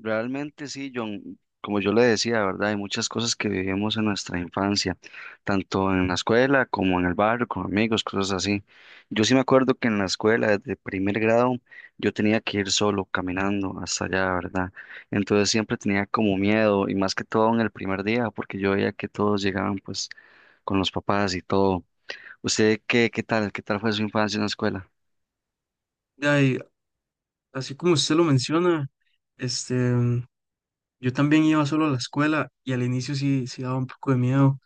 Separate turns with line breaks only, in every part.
Realmente sí, John, como yo le decía, ¿verdad? Hay muchas cosas que vivimos en nuestra infancia, tanto en la escuela como en el barrio, con amigos, cosas así. Yo sí me acuerdo que en la escuela, desde primer grado, yo tenía que ir solo caminando hasta allá, ¿verdad? Entonces siempre tenía como miedo, y más que todo en el primer día, porque yo veía que todos llegaban pues con los papás y todo. ¿Usted qué tal? ¿Qué tal fue su infancia en la escuela?
Ya, y así como usted lo menciona, este, yo también iba solo a la escuela y al inicio sí daba un poco de miedo.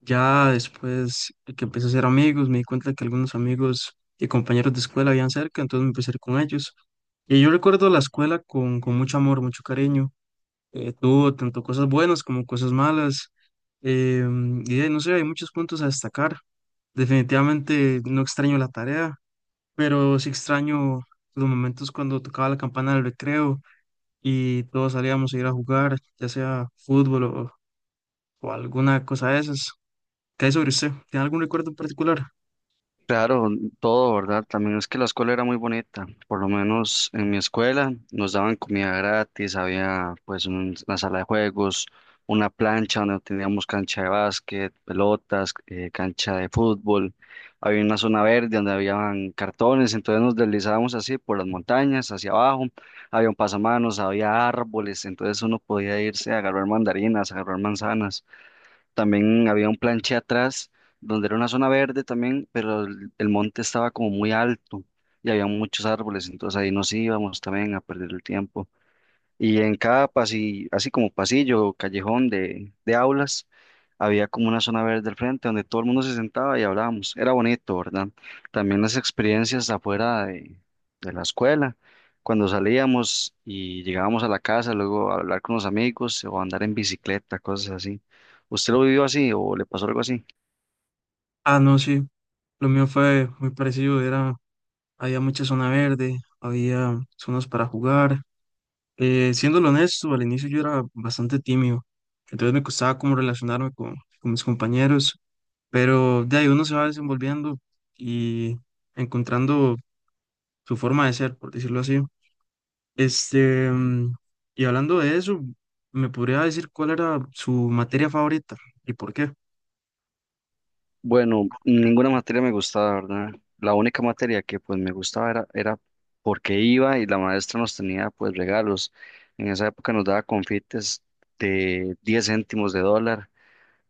Ya después de que empecé a hacer amigos, me di cuenta que algunos amigos y compañeros de escuela habían cerca, entonces me empecé a ir con ellos. Y yo recuerdo la escuela con mucho amor, mucho cariño. Tuvo tanto cosas buenas como cosas malas. No sé, hay muchos puntos a destacar. Definitivamente no extraño la tarea, pero sí extraño los momentos cuando tocaba la campana del recreo y todos salíamos a ir a jugar, ya sea o alguna cosa de esas. ¿Qué hay sobre usted? ¿Tiene algún recuerdo en particular?
Claro, todo, ¿verdad? También es que la escuela era muy bonita, por lo menos en mi escuela nos daban comida gratis, había pues una sala de juegos, una plancha donde teníamos cancha de básquet, pelotas, cancha de fútbol, había una zona verde donde habían cartones, entonces nos deslizábamos así por las montañas, hacia abajo, había un pasamanos, había árboles, entonces uno podía irse a agarrar mandarinas, a agarrar manzanas. También había un planche atrás donde era una zona verde también, pero el monte estaba como muy alto y había muchos árboles, entonces ahí nos íbamos también a perder el tiempo. Y en cada pasillo, así como pasillo callejón de aulas, había como una zona verde al frente donde todo el mundo se sentaba y hablábamos. Era bonito, ¿verdad? También las experiencias afuera de la escuela, cuando salíamos y llegábamos a la casa, luego a hablar con los amigos o andar en bicicleta, cosas así. ¿Usted lo vivió así o le pasó algo así?
Ah, no, sí, lo mío fue muy parecido. Había mucha zona verde, había zonas para jugar. Siéndolo honesto, al inicio yo era bastante tímido, entonces me costaba como con mis compañeros, pero de ahí uno se va desenvolviendo y encontrando su forma de ser, por decirlo así. Este, mm, y hablando de eso, ¿me podría decir cuál era su materia favorita y por qué?
Bueno, ninguna materia me gustaba, ¿verdad? La única materia que pues me gustaba era porque iba y la maestra nos tenía pues regalos. En esa época nos daba confites de 10 céntimos de dólar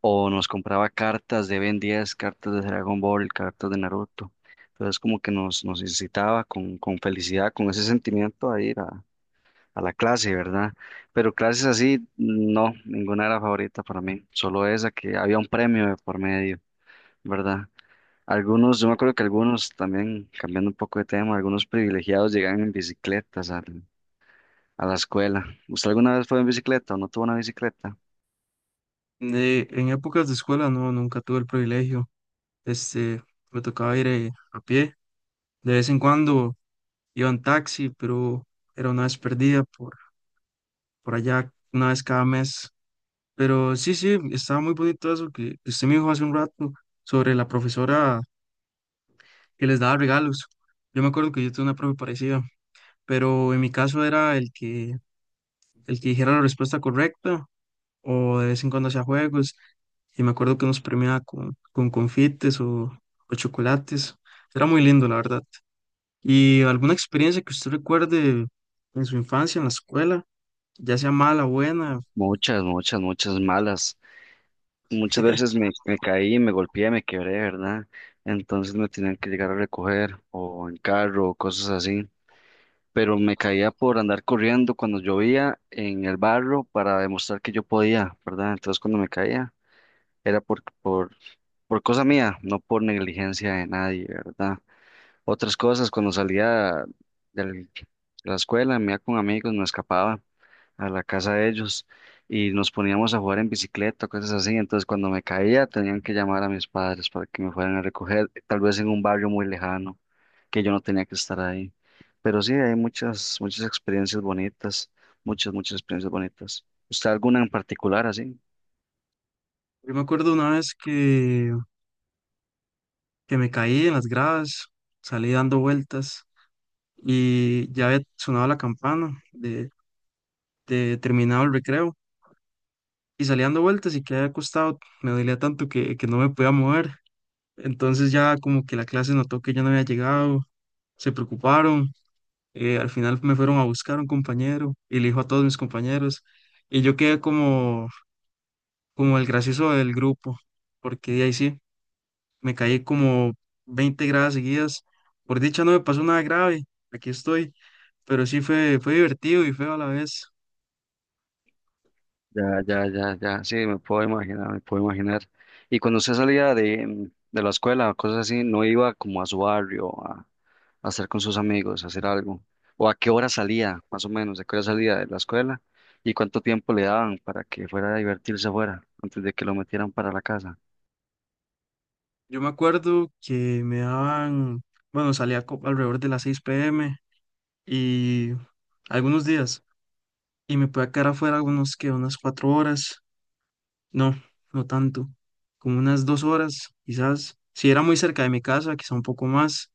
o nos compraba cartas de Ben 10, cartas de Dragon Ball, cartas de Naruto. Entonces como que nos incitaba con felicidad, con ese sentimiento a ir a la clase, ¿verdad? Pero clases así, no, ninguna era favorita para mí, solo esa que había un premio de por medio, ¿verdad? Algunos, yo me acuerdo que algunos también, cambiando un poco de tema, algunos privilegiados llegaban en bicicletas a la escuela. ¿Usted alguna vez fue en bicicleta o no tuvo una bicicleta?
En épocas de escuela no, nunca tuve el privilegio. Este, Me tocaba ir a pie. De vez en cuando iba en taxi, pero era una vez perdida por allá, una vez cada mes. Pero sí, sí, estaba muy bonito eso que usted me dijo hace un rato sobre la profesora que les daba regalos. Yo me acuerdo que yo tuve una profe parecida, pero en mi caso era el que dijera la respuesta correcta o de vez en cuando hacía juegos, y me acuerdo que nos premiaba con o chocolates. Era muy lindo, la verdad. ¿Y alguna experiencia que usted recuerde en su infancia, en la escuela, ya sea mala o buena?
Muchas, muchas, muchas malas. Muchas veces me caí, me golpeé, me quebré, ¿verdad? Entonces me tenían que llegar a recoger o en carro o cosas así. Pero me caía por andar corriendo cuando llovía en el barro para demostrar que yo podía, ¿verdad? Entonces cuando me caía era por cosa mía, no por negligencia de nadie, ¿verdad? Otras cosas, cuando salía del- de la escuela, me iba con amigos, me escapaba a la casa de ellos y nos poníamos a jugar en bicicleta, cosas así. Entonces, cuando me caía, tenían que llamar a mis padres para que me fueran a recoger, tal vez en un barrio muy lejano, que yo no tenía que estar ahí. Pero sí, hay muchas, muchas experiencias bonitas, muchas, muchas experiencias bonitas. ¿Usted alguna en particular así?
Yo me acuerdo una vez que me caí en las gradas, salí dando vueltas y ya había sonado la campana de terminado el recreo. Y salía dando vueltas y que había acostado, me dolía tanto que no me podía mover. Entonces ya como que la clase notó que yo no había llegado, se preocuparon, al final me fueron a buscar un compañero y le dijo a todos mis compañeros, y yo quedé como el gracioso del grupo, porque de ahí sí, me caí como 20 gradas seguidas. Por dicha no me pasó nada grave, aquí estoy, pero sí fue divertido y feo a la vez.
Ya, ya, ya, ya, sí, me puedo imaginar, me puedo imaginar. Y cuando usted salía de la escuela o cosas así, ¿no iba como a su barrio a estar con sus amigos, a hacer algo? ¿O a qué hora salía, más o menos? ¿De qué hora salía de la escuela? ¿Y cuánto tiempo le daban para que fuera a divertirse afuera antes de que lo metieran para la casa?
Yo me acuerdo que me daban... Bueno, alrededor de las 6 p.m. y algunos días y me pueda quedar afuera algunos que unas 4 horas, no, no tanto, como unas 2 horas quizás, si era muy cerca de mi casa, quizá un poco más,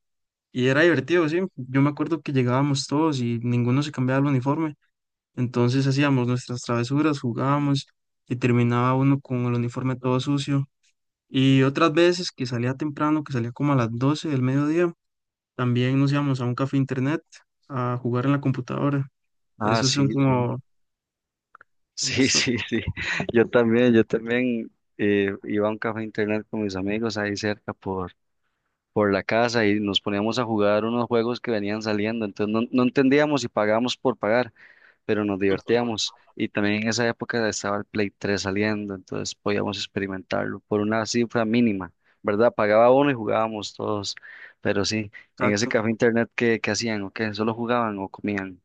y era divertido, sí, yo me acuerdo que llegábamos todos y ninguno se cambiaba el uniforme, entonces hacíamos nuestras travesuras, jugábamos y terminaba uno con el uniforme todo sucio. Y otras veces que salía temprano, que salía como a las 12 del mediodía, también nos íbamos a un café internet a jugar en la computadora.
Ah,
Esos son
sí, sí.
como...
Sí,
Está-.
sí, sí. Yo también iba a un café internet con mis amigos ahí cerca por la casa y nos poníamos a jugar unos juegos que venían saliendo. Entonces no, no entendíamos si pagábamos por pagar, pero nos divertíamos. Y también en esa época estaba el Play 3 saliendo, entonces podíamos experimentarlo por una cifra mínima, ¿verdad? Pagaba uno y jugábamos todos. Pero sí, en ese
Exacto.
café internet, ¿qué hacían? ¿O qué? ¿Solo jugaban o comían?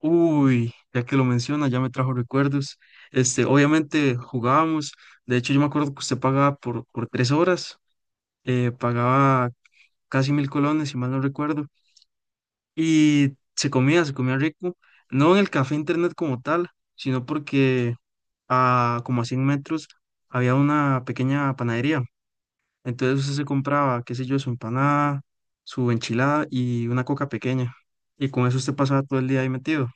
Uy, ya que lo menciona, ya me trajo recuerdos. Obviamente jugábamos. De hecho, yo me acuerdo que usted pagaba por 3 horas, pagaba casi 1000 colones, si mal no recuerdo. Y se comía rico. No en el café internet como tal, sino porque a como a 100 metros había una pequeña panadería. Entonces usted se compraba, qué sé yo, su empanada, su enchilada y una coca pequeña. Y con eso usted pasaba todo el día ahí metido.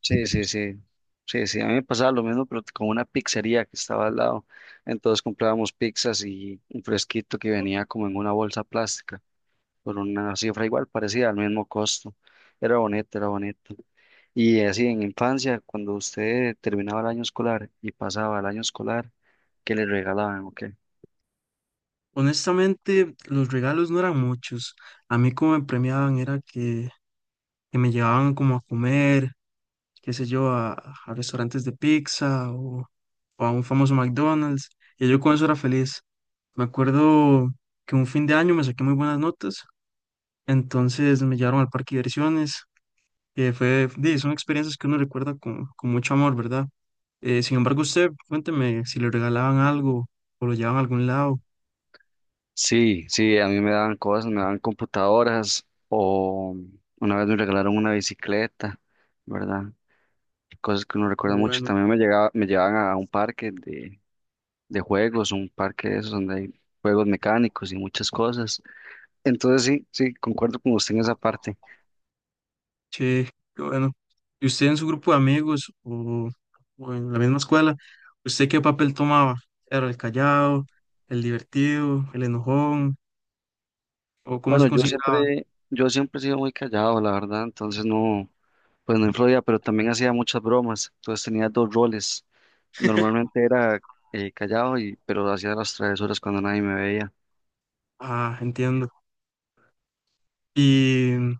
Sí, sí, sí. Sí, sí, a mí me pasaba lo mismo, pero con una pizzería que estaba al lado. Entonces comprábamos pizzas y un fresquito que venía como en una bolsa plástica por una cifra igual, parecida al mismo costo. Era bonito, era bonito. Y así en infancia, cuando usted terminaba el año escolar y pasaba el año escolar, ¿qué le regalaban o qué?
Honestamente, los regalos no eran muchos. A mí como me premiaban era que me llevaban como a comer, qué sé yo, a restaurantes de o a un famoso McDonald's. Y yo con eso era feliz. Me acuerdo que un fin de año me saqué muy buenas notas, entonces me llevaron al parque de diversiones, que fue, di, son experiencias que uno recuerda con mucho amor, ¿verdad? Sin embargo, usted, cuénteme si le regalaban algo o lo llevaban a algún lado.
Sí, sí, a mí me daban cosas, me daban computadoras o una vez me regalaron una bicicleta, ¿verdad? Cosas que uno
Qué
recuerda mucho.
bueno.
También me llegaba, me llevaban a un parque de juegos, un parque de esos donde hay juegos mecánicos y muchas cosas. Entonces sí, sí, concuerdo con usted en esa parte.
Che, qué bueno. ¿Y usted en su grupo de o en la misma escuela, usted qué papel tomaba? ¿Era el callado, el divertido, el enojón, o cómo
Bueno,
se consideraba?
yo siempre he sido muy callado, la verdad, entonces no, pues no influía, pero también hacía muchas bromas, entonces tenía dos roles. Normalmente era callado y, pero hacía las travesuras cuando nadie me veía.
Ah, entiendo. Y mm,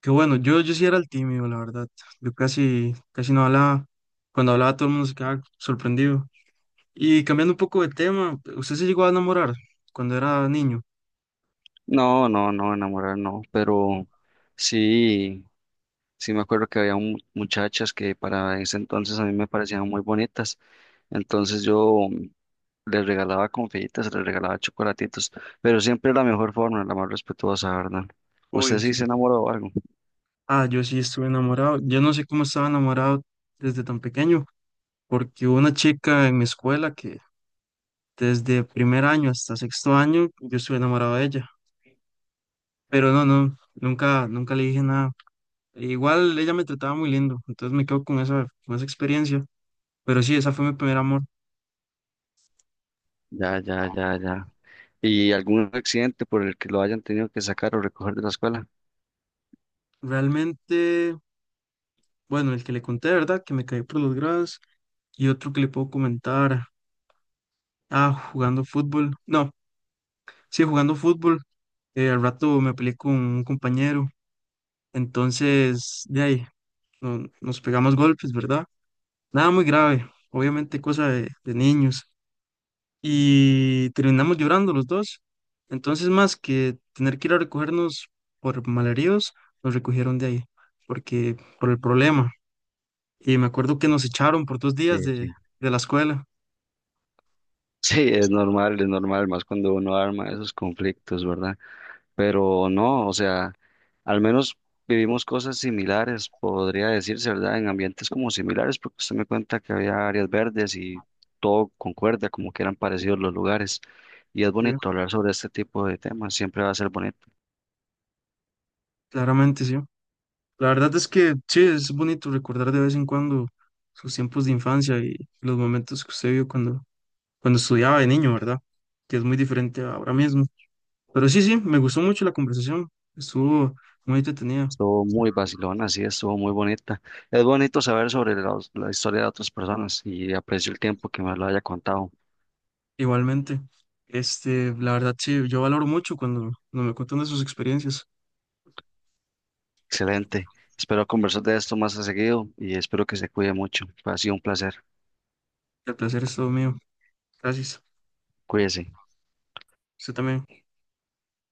Qué bueno, yo sí era el tímido, la verdad. Yo casi no hablaba. Cuando hablaba todo el mundo se quedaba sorprendido. Y cambiando un poco de tema, ¿usted se llegó a enamorar cuando era niño?
No, no, no, enamorar no, pero sí, sí me acuerdo que había muchachas que para ese entonces a mí me parecían muy bonitas, entonces les regalaba confititas, les regalaba chocolatitos, pero siempre la mejor forma, la más respetuosa, ¿verdad? ¿Usted
Obvio,
sí
sí.
se enamoró o algo?
Ah, yo sí estuve enamorado. Yo no sé cómo estaba enamorado desde tan pequeño, porque hubo una chica en mi escuela que desde primer año hasta sexto año yo estuve enamorado de ella, pero no, no, nunca le dije nada. Igual ella me trataba muy lindo, entonces me quedo con con esa experiencia, pero sí, esa fue mi primer amor.
Ya, ya, ya, ya. ¿Y algún accidente por el que lo hayan tenido que sacar o recoger de la escuela?
Realmente, bueno, el que le conté, ¿verdad? Que me caí por los grados y otro que le puedo comentar, ah, jugando fútbol, no, sí, jugando fútbol. Al rato me peleé con un compañero, entonces de ahí nos pegamos golpes, ¿verdad? Nada muy grave, obviamente cosa de niños. Y terminamos llorando los dos. Entonces, más que tener que ir a recogernos por malheridos, nos recogieron de ahí, porque por el problema. Y me acuerdo que nos echaron por dos
Sí,
días
sí.
de la escuela.
Sí, es normal, más cuando uno arma esos conflictos, ¿verdad? Pero no, o sea, al menos vivimos cosas similares, podría decirse, ¿verdad? En ambientes como similares, porque usted me cuenta que había áreas verdes y todo concuerda, como que eran parecidos los lugares. Y es
Sí,
bonito hablar sobre este tipo de temas, siempre va a ser bonito.
claramente sí. La verdad es que sí, es bonito recordar de vez en cuando sus tiempos de infancia y los momentos que usted vio cuando estudiaba de niño, ¿verdad? Que es muy diferente a ahora mismo. Pero sí, sí, me gustó mucho la conversación. Estuvo muy entretenida.
Estuvo muy vacilona, sí, estuvo muy bonita. Es bonito saber sobre la historia de otras personas y aprecio el tiempo que me lo haya contado.
Igualmente, la verdad sí, yo valoro mucho cuando me cuentan de sus experiencias.
Excelente. Espero conversar de esto más a seguido y espero que se cuide mucho. Ha sido un placer.
El placer es todo mío. Gracias.
Cuídese.
Usted también.